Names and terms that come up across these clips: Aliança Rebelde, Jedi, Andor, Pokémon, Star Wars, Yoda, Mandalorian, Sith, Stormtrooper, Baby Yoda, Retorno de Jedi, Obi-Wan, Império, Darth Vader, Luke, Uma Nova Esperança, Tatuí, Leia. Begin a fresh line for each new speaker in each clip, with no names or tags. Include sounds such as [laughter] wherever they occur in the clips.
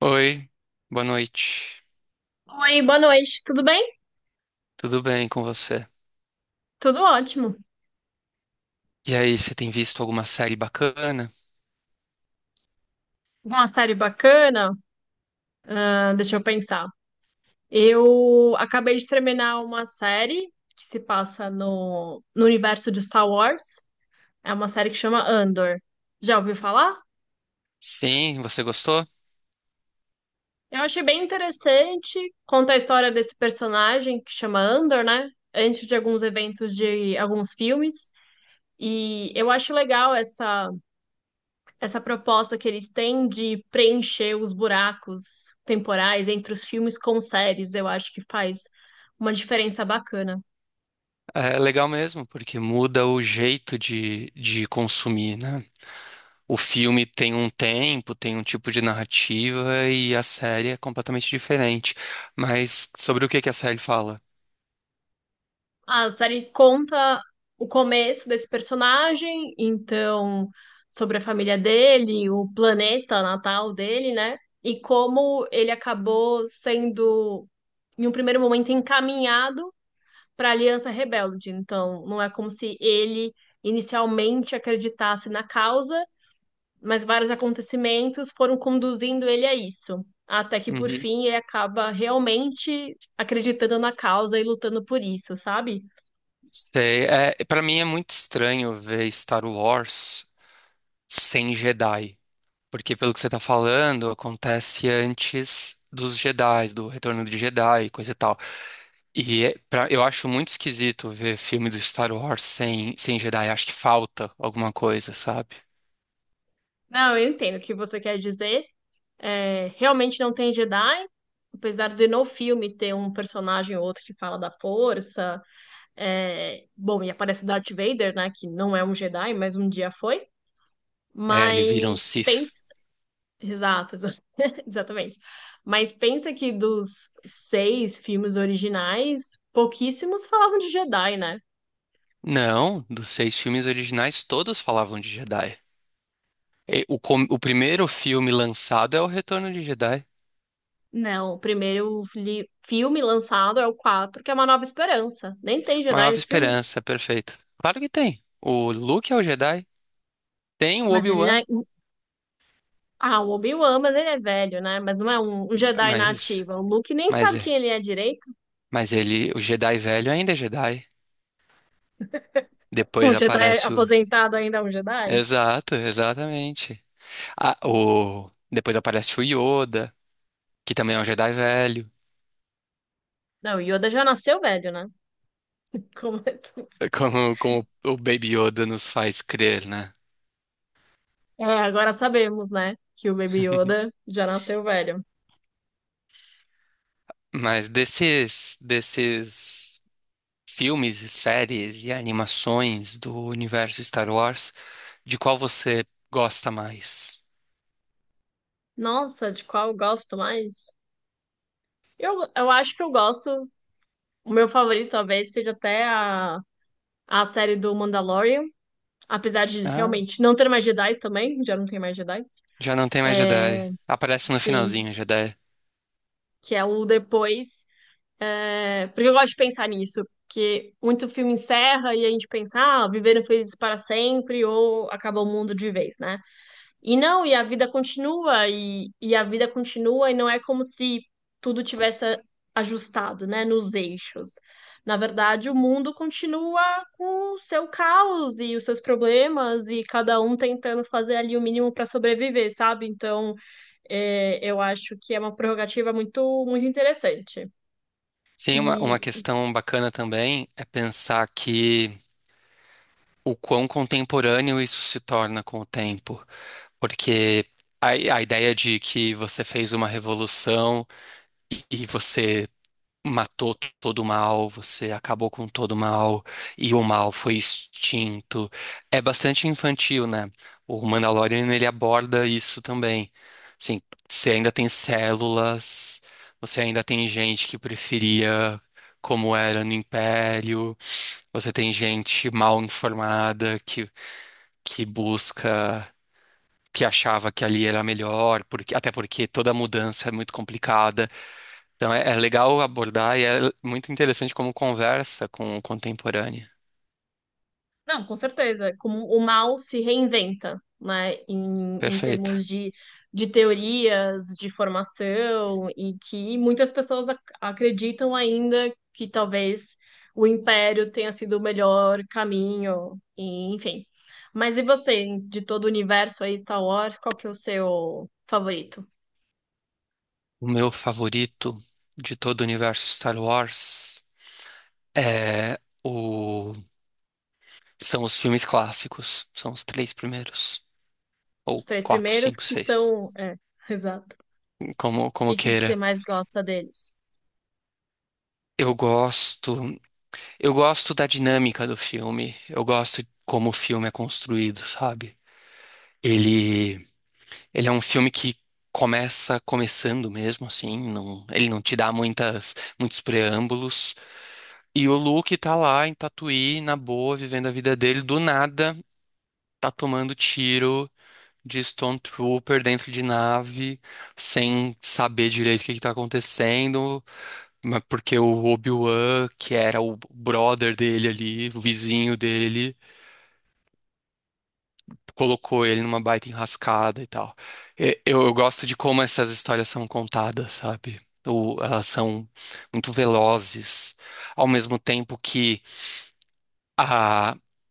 Oi, boa noite.
Oi, boa noite, tudo bem?
Tudo bem com você?
Tudo ótimo.
E aí, você tem visto alguma série bacana?
Uma série bacana? Ah, deixa eu pensar. Eu acabei de terminar uma série que se passa no universo de Star Wars. É uma série que chama Andor. Já ouviu falar?
Sim, você gostou?
Eu achei bem interessante. Conta a história desse personagem que chama Andor, né? Antes de alguns eventos de alguns filmes. E eu acho legal essa proposta que eles têm de preencher os buracos temporais entre os filmes com séries, eu acho que faz uma diferença bacana.
É legal mesmo, porque muda o jeito de, consumir, né? O filme tem um tempo, tem um tipo de narrativa e a série é completamente diferente. Mas sobre o que que a série fala?
A série conta o começo desse personagem, então sobre a família dele, o planeta natal dele, né? E como ele acabou sendo, em um primeiro momento, encaminhado para a Aliança Rebelde. Então, não é como se ele inicialmente acreditasse na causa, mas vários acontecimentos foram conduzindo ele a isso, até que por
Uhum.
fim ele acaba realmente acreditando na causa e lutando por isso, sabe?
Sei, é, para mim é muito estranho ver Star Wars sem Jedi. Porque pelo que você tá falando, acontece antes dos Jedi, do Retorno de Jedi, e coisa e tal. Eu acho muito esquisito ver filme do Star Wars sem, Jedi. Acho que falta alguma coisa, sabe?
Não, eu entendo o que você quer dizer. É, realmente não tem Jedi, apesar de no filme ter um personagem ou outro que fala da força. É, bom, e aparece o Darth Vader, né? Que não é um Jedi, mas um dia foi.
É, ele vira um
Mas
Sith.
pens- Exato, exa- [laughs] Exatamente. Mas pensa que dos seis filmes originais, pouquíssimos falavam de Jedi, né?
Não, dos seis filmes originais, todos falavam de Jedi. O primeiro filme lançado é o Retorno de Jedi.
Não, o filme lançado é o quatro, que é Uma Nova Esperança. Nem tem
Uma
Jedi
Nova
nesse filme,
Esperança, perfeito. Claro que tem. O Luke é o Jedi, tem o
mas ele,
Obi-Wan,
né? Ah, o Obi-Wan, mas ele é velho, né? Mas não é um Jedi na
mas,
ativa. O Luke nem
mas
sabe quem
é.
ele é direito.
Mas ele, o Jedi velho ainda é Jedi.
[laughs]
Depois
Um Jedi
aparece o.
aposentado ainda é um Jedi?
Exato, exatamente. Ah, o... Depois aparece o Yoda, que também é um Jedi velho.
Não, o Yoda já nasceu velho, né? Como é, que-
É como, o Baby Yoda nos faz crer, né?
É, agora sabemos, né, que o Baby Yoda já nasceu velho.
Mas desses, filmes, e séries e animações do universo Star Wars, de qual você gosta mais?
Nossa, de qual eu gosto mais? Eu acho que eu gosto. O meu favorito talvez seja até a série do Mandalorian. Apesar de
Ah,
realmente não ter mais Jedi também, já não tem mais Jedi.
já não tem mais
É,
Jedi. Aparece no
sim,
finalzinho, Jedi.
que é o depois. É, porque eu gosto de pensar nisso. Porque muito filme encerra e a gente pensa, ah, viveram felizes para sempre ou acaba o mundo de vez, né? E não, e a vida continua, e a vida continua, e não é como se tudo tivesse ajustado, né, nos eixos. Na verdade, o mundo continua com o seu caos e os seus problemas, e cada um tentando fazer ali o mínimo para sobreviver, sabe? Então, é, eu acho que é uma prerrogativa muito, muito interessante.
Sim, uma,
E,
questão bacana também é pensar que o quão contemporâneo isso se torna com o tempo, porque a, ideia de que você fez uma revolução e você matou todo o mal, você acabou com todo o mal e o mal foi extinto. É bastante infantil, né? O Mandalorian ele aborda isso também. Assim, você ainda tem células, você ainda tem gente que preferia como era no Império, você tem gente mal informada que, busca. Que achava que ali era melhor, porque, até porque toda mudança é muito complicada. Então é, legal abordar e é muito interessante como conversa com o contemporâneo.
Não, com certeza. É como o mal se reinventa, né? Em termos
Perfeito.
de teorias, de formação, e que muitas pessoas acreditam ainda que talvez o império tenha sido o melhor caminho, e, enfim. Mas e você, de todo o universo aí, Star Wars, qual que é o seu favorito?
O meu favorito de todo o universo Star Wars é o... são os filmes clássicos. São os três primeiros.
Os
Ou
três
quatro,
primeiros
cinco,
que
seis.
são. É, [laughs] exato.
Como,
E o que que você
queira.
mais gosta deles?
Eu gosto. Eu gosto da dinâmica do filme. Eu gosto como o filme é construído, sabe? Ele Ele é um filme que começa começando mesmo, assim, não, ele não te dá muitos preâmbulos. E o Luke tá lá em Tatuí, na boa, vivendo a vida dele, do nada, tá tomando tiro de Stormtrooper dentro de nave, sem saber direito o que que tá acontecendo, mas porque o Obi-Wan, que era o brother dele ali, o vizinho dele, colocou ele numa baita enrascada e tal. Eu gosto de como essas histórias são contadas, sabe? Ou elas são muito velozes, ao mesmo tempo que a,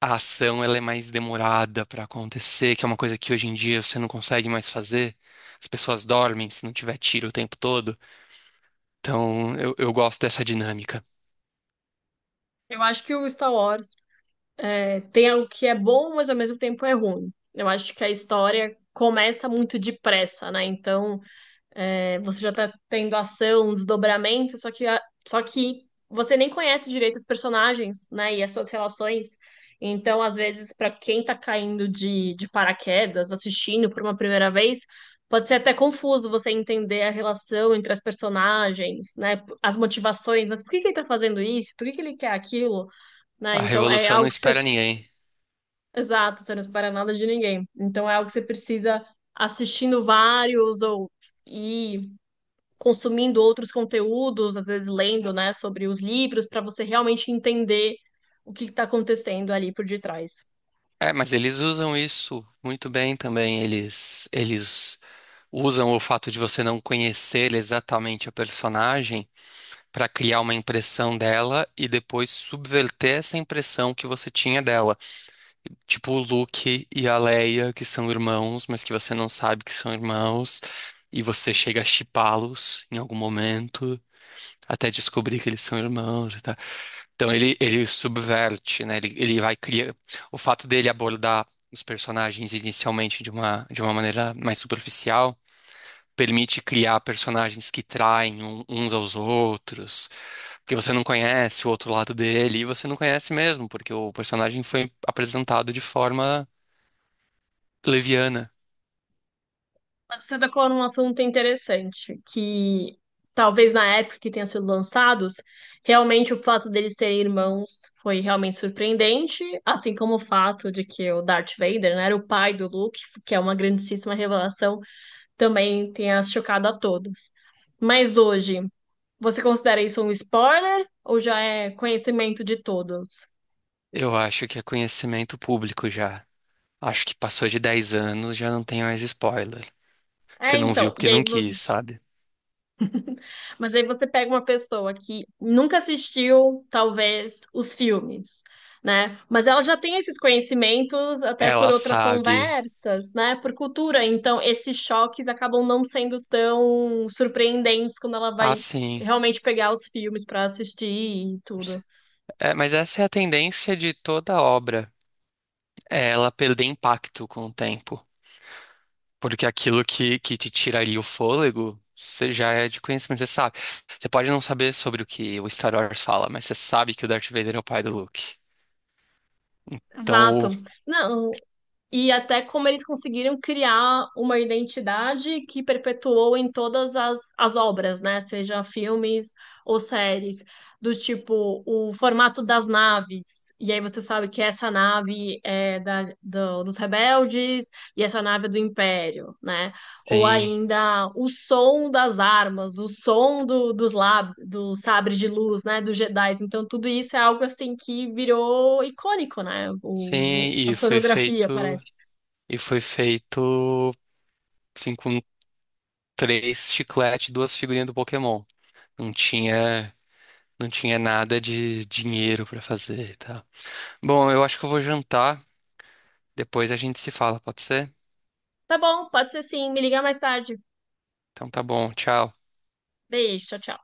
ação ela é mais demorada para acontecer, que é uma coisa que hoje em dia você não consegue mais fazer. As pessoas dormem se não tiver tiro o tempo todo. Então eu, gosto dessa dinâmica.
Eu acho que o Star Wars tem algo que é bom, mas ao mesmo tempo é ruim. Eu acho que a história começa muito depressa, né? Então, é, você já tá tendo ação, um desdobramento, só que você nem conhece direito os personagens, né? E as suas relações. Então, às vezes, para quem tá caindo de paraquedas, assistindo por uma primeira vez, pode ser até confuso você entender a relação entre as personagens, né? As motivações, mas por que que ele tá fazendo isso? Por que que ele quer aquilo? Né?
A
Então é
revolução não
algo que você...
espera ninguém.
Exato, você não espera nada de ninguém. Então é algo que você precisa assistindo vários ou e consumindo outros conteúdos, às vezes lendo, né, sobre os livros, para você realmente entender o que está acontecendo ali por detrás.
É, mas eles usam isso muito bem também. Eles, usam o fato de você não conhecer exatamente a personagem para criar uma impressão dela e depois subverter essa impressão que você tinha dela. Tipo o Luke e a Leia, que são irmãos, mas que você não sabe que são irmãos, e você chega a shippá-los em algum momento. Até descobrir que eles são irmãos, tá? Então ele, subverte, né? Ele, vai criar. O fato dele abordar os personagens inicialmente de uma, maneira mais superficial permite criar personagens que traem uns aos outros, porque você não conhece o outro lado dele, e você não conhece mesmo, porque o personagem foi apresentado de forma leviana.
Mas você tocou num assunto interessante, que talvez na época que tenha sido lançados, realmente o fato deles serem irmãos foi realmente surpreendente, assim como o fato de que o Darth Vader, né, era o pai do Luke, que é uma grandíssima revelação também tenha chocado a todos. Mas hoje, você considera isso um spoiler ou já é conhecimento de todos?
Eu acho que é conhecimento público já. Acho que passou de 10 anos, já não tem mais spoiler. Você
É,
não viu
então, e
porque não quis, sabe?
mas aí você pega uma pessoa que nunca assistiu, talvez, os filmes, né? Mas ela já tem esses conhecimentos até por
Ela
outras
sabe.
conversas, né? Por cultura. Então, esses choques acabam não sendo tão surpreendentes quando ela
Ah,
vai
sim.
realmente pegar os filmes para assistir e tudo.
É, mas essa é a tendência de toda obra, é ela perder impacto com o tempo. Porque aquilo que, te tira ali o fôlego, você já é de conhecimento, você sabe. Você pode não saber sobre o que o Star Wars fala, mas você sabe que o Darth Vader é o pai do Luke. Então, o-
Exato. Não, e até como eles conseguiram criar uma identidade que perpetuou em todas as obras, né? Seja filmes ou séries, do tipo o formato das naves. E aí você sabe que essa nave é dos rebeldes e essa nave é do Império, né? Ou
sim,
ainda o som das armas, o som dos sabres de luz, né? Dos Jedis. Então tudo isso é algo assim que virou icônico, né?
sim,
A
e foi
sonografia,
feito,
parece.
e foi feito, assim, com três chicletes e duas figurinhas do Pokémon. Não tinha, nada de dinheiro pra fazer e tal. Bom, eu acho que eu vou jantar, depois a gente se fala, pode ser?
Tá bom, pode ser, sim. Me liga mais tarde.
Então tá bom, tchau.
Beijo, tchau, tchau.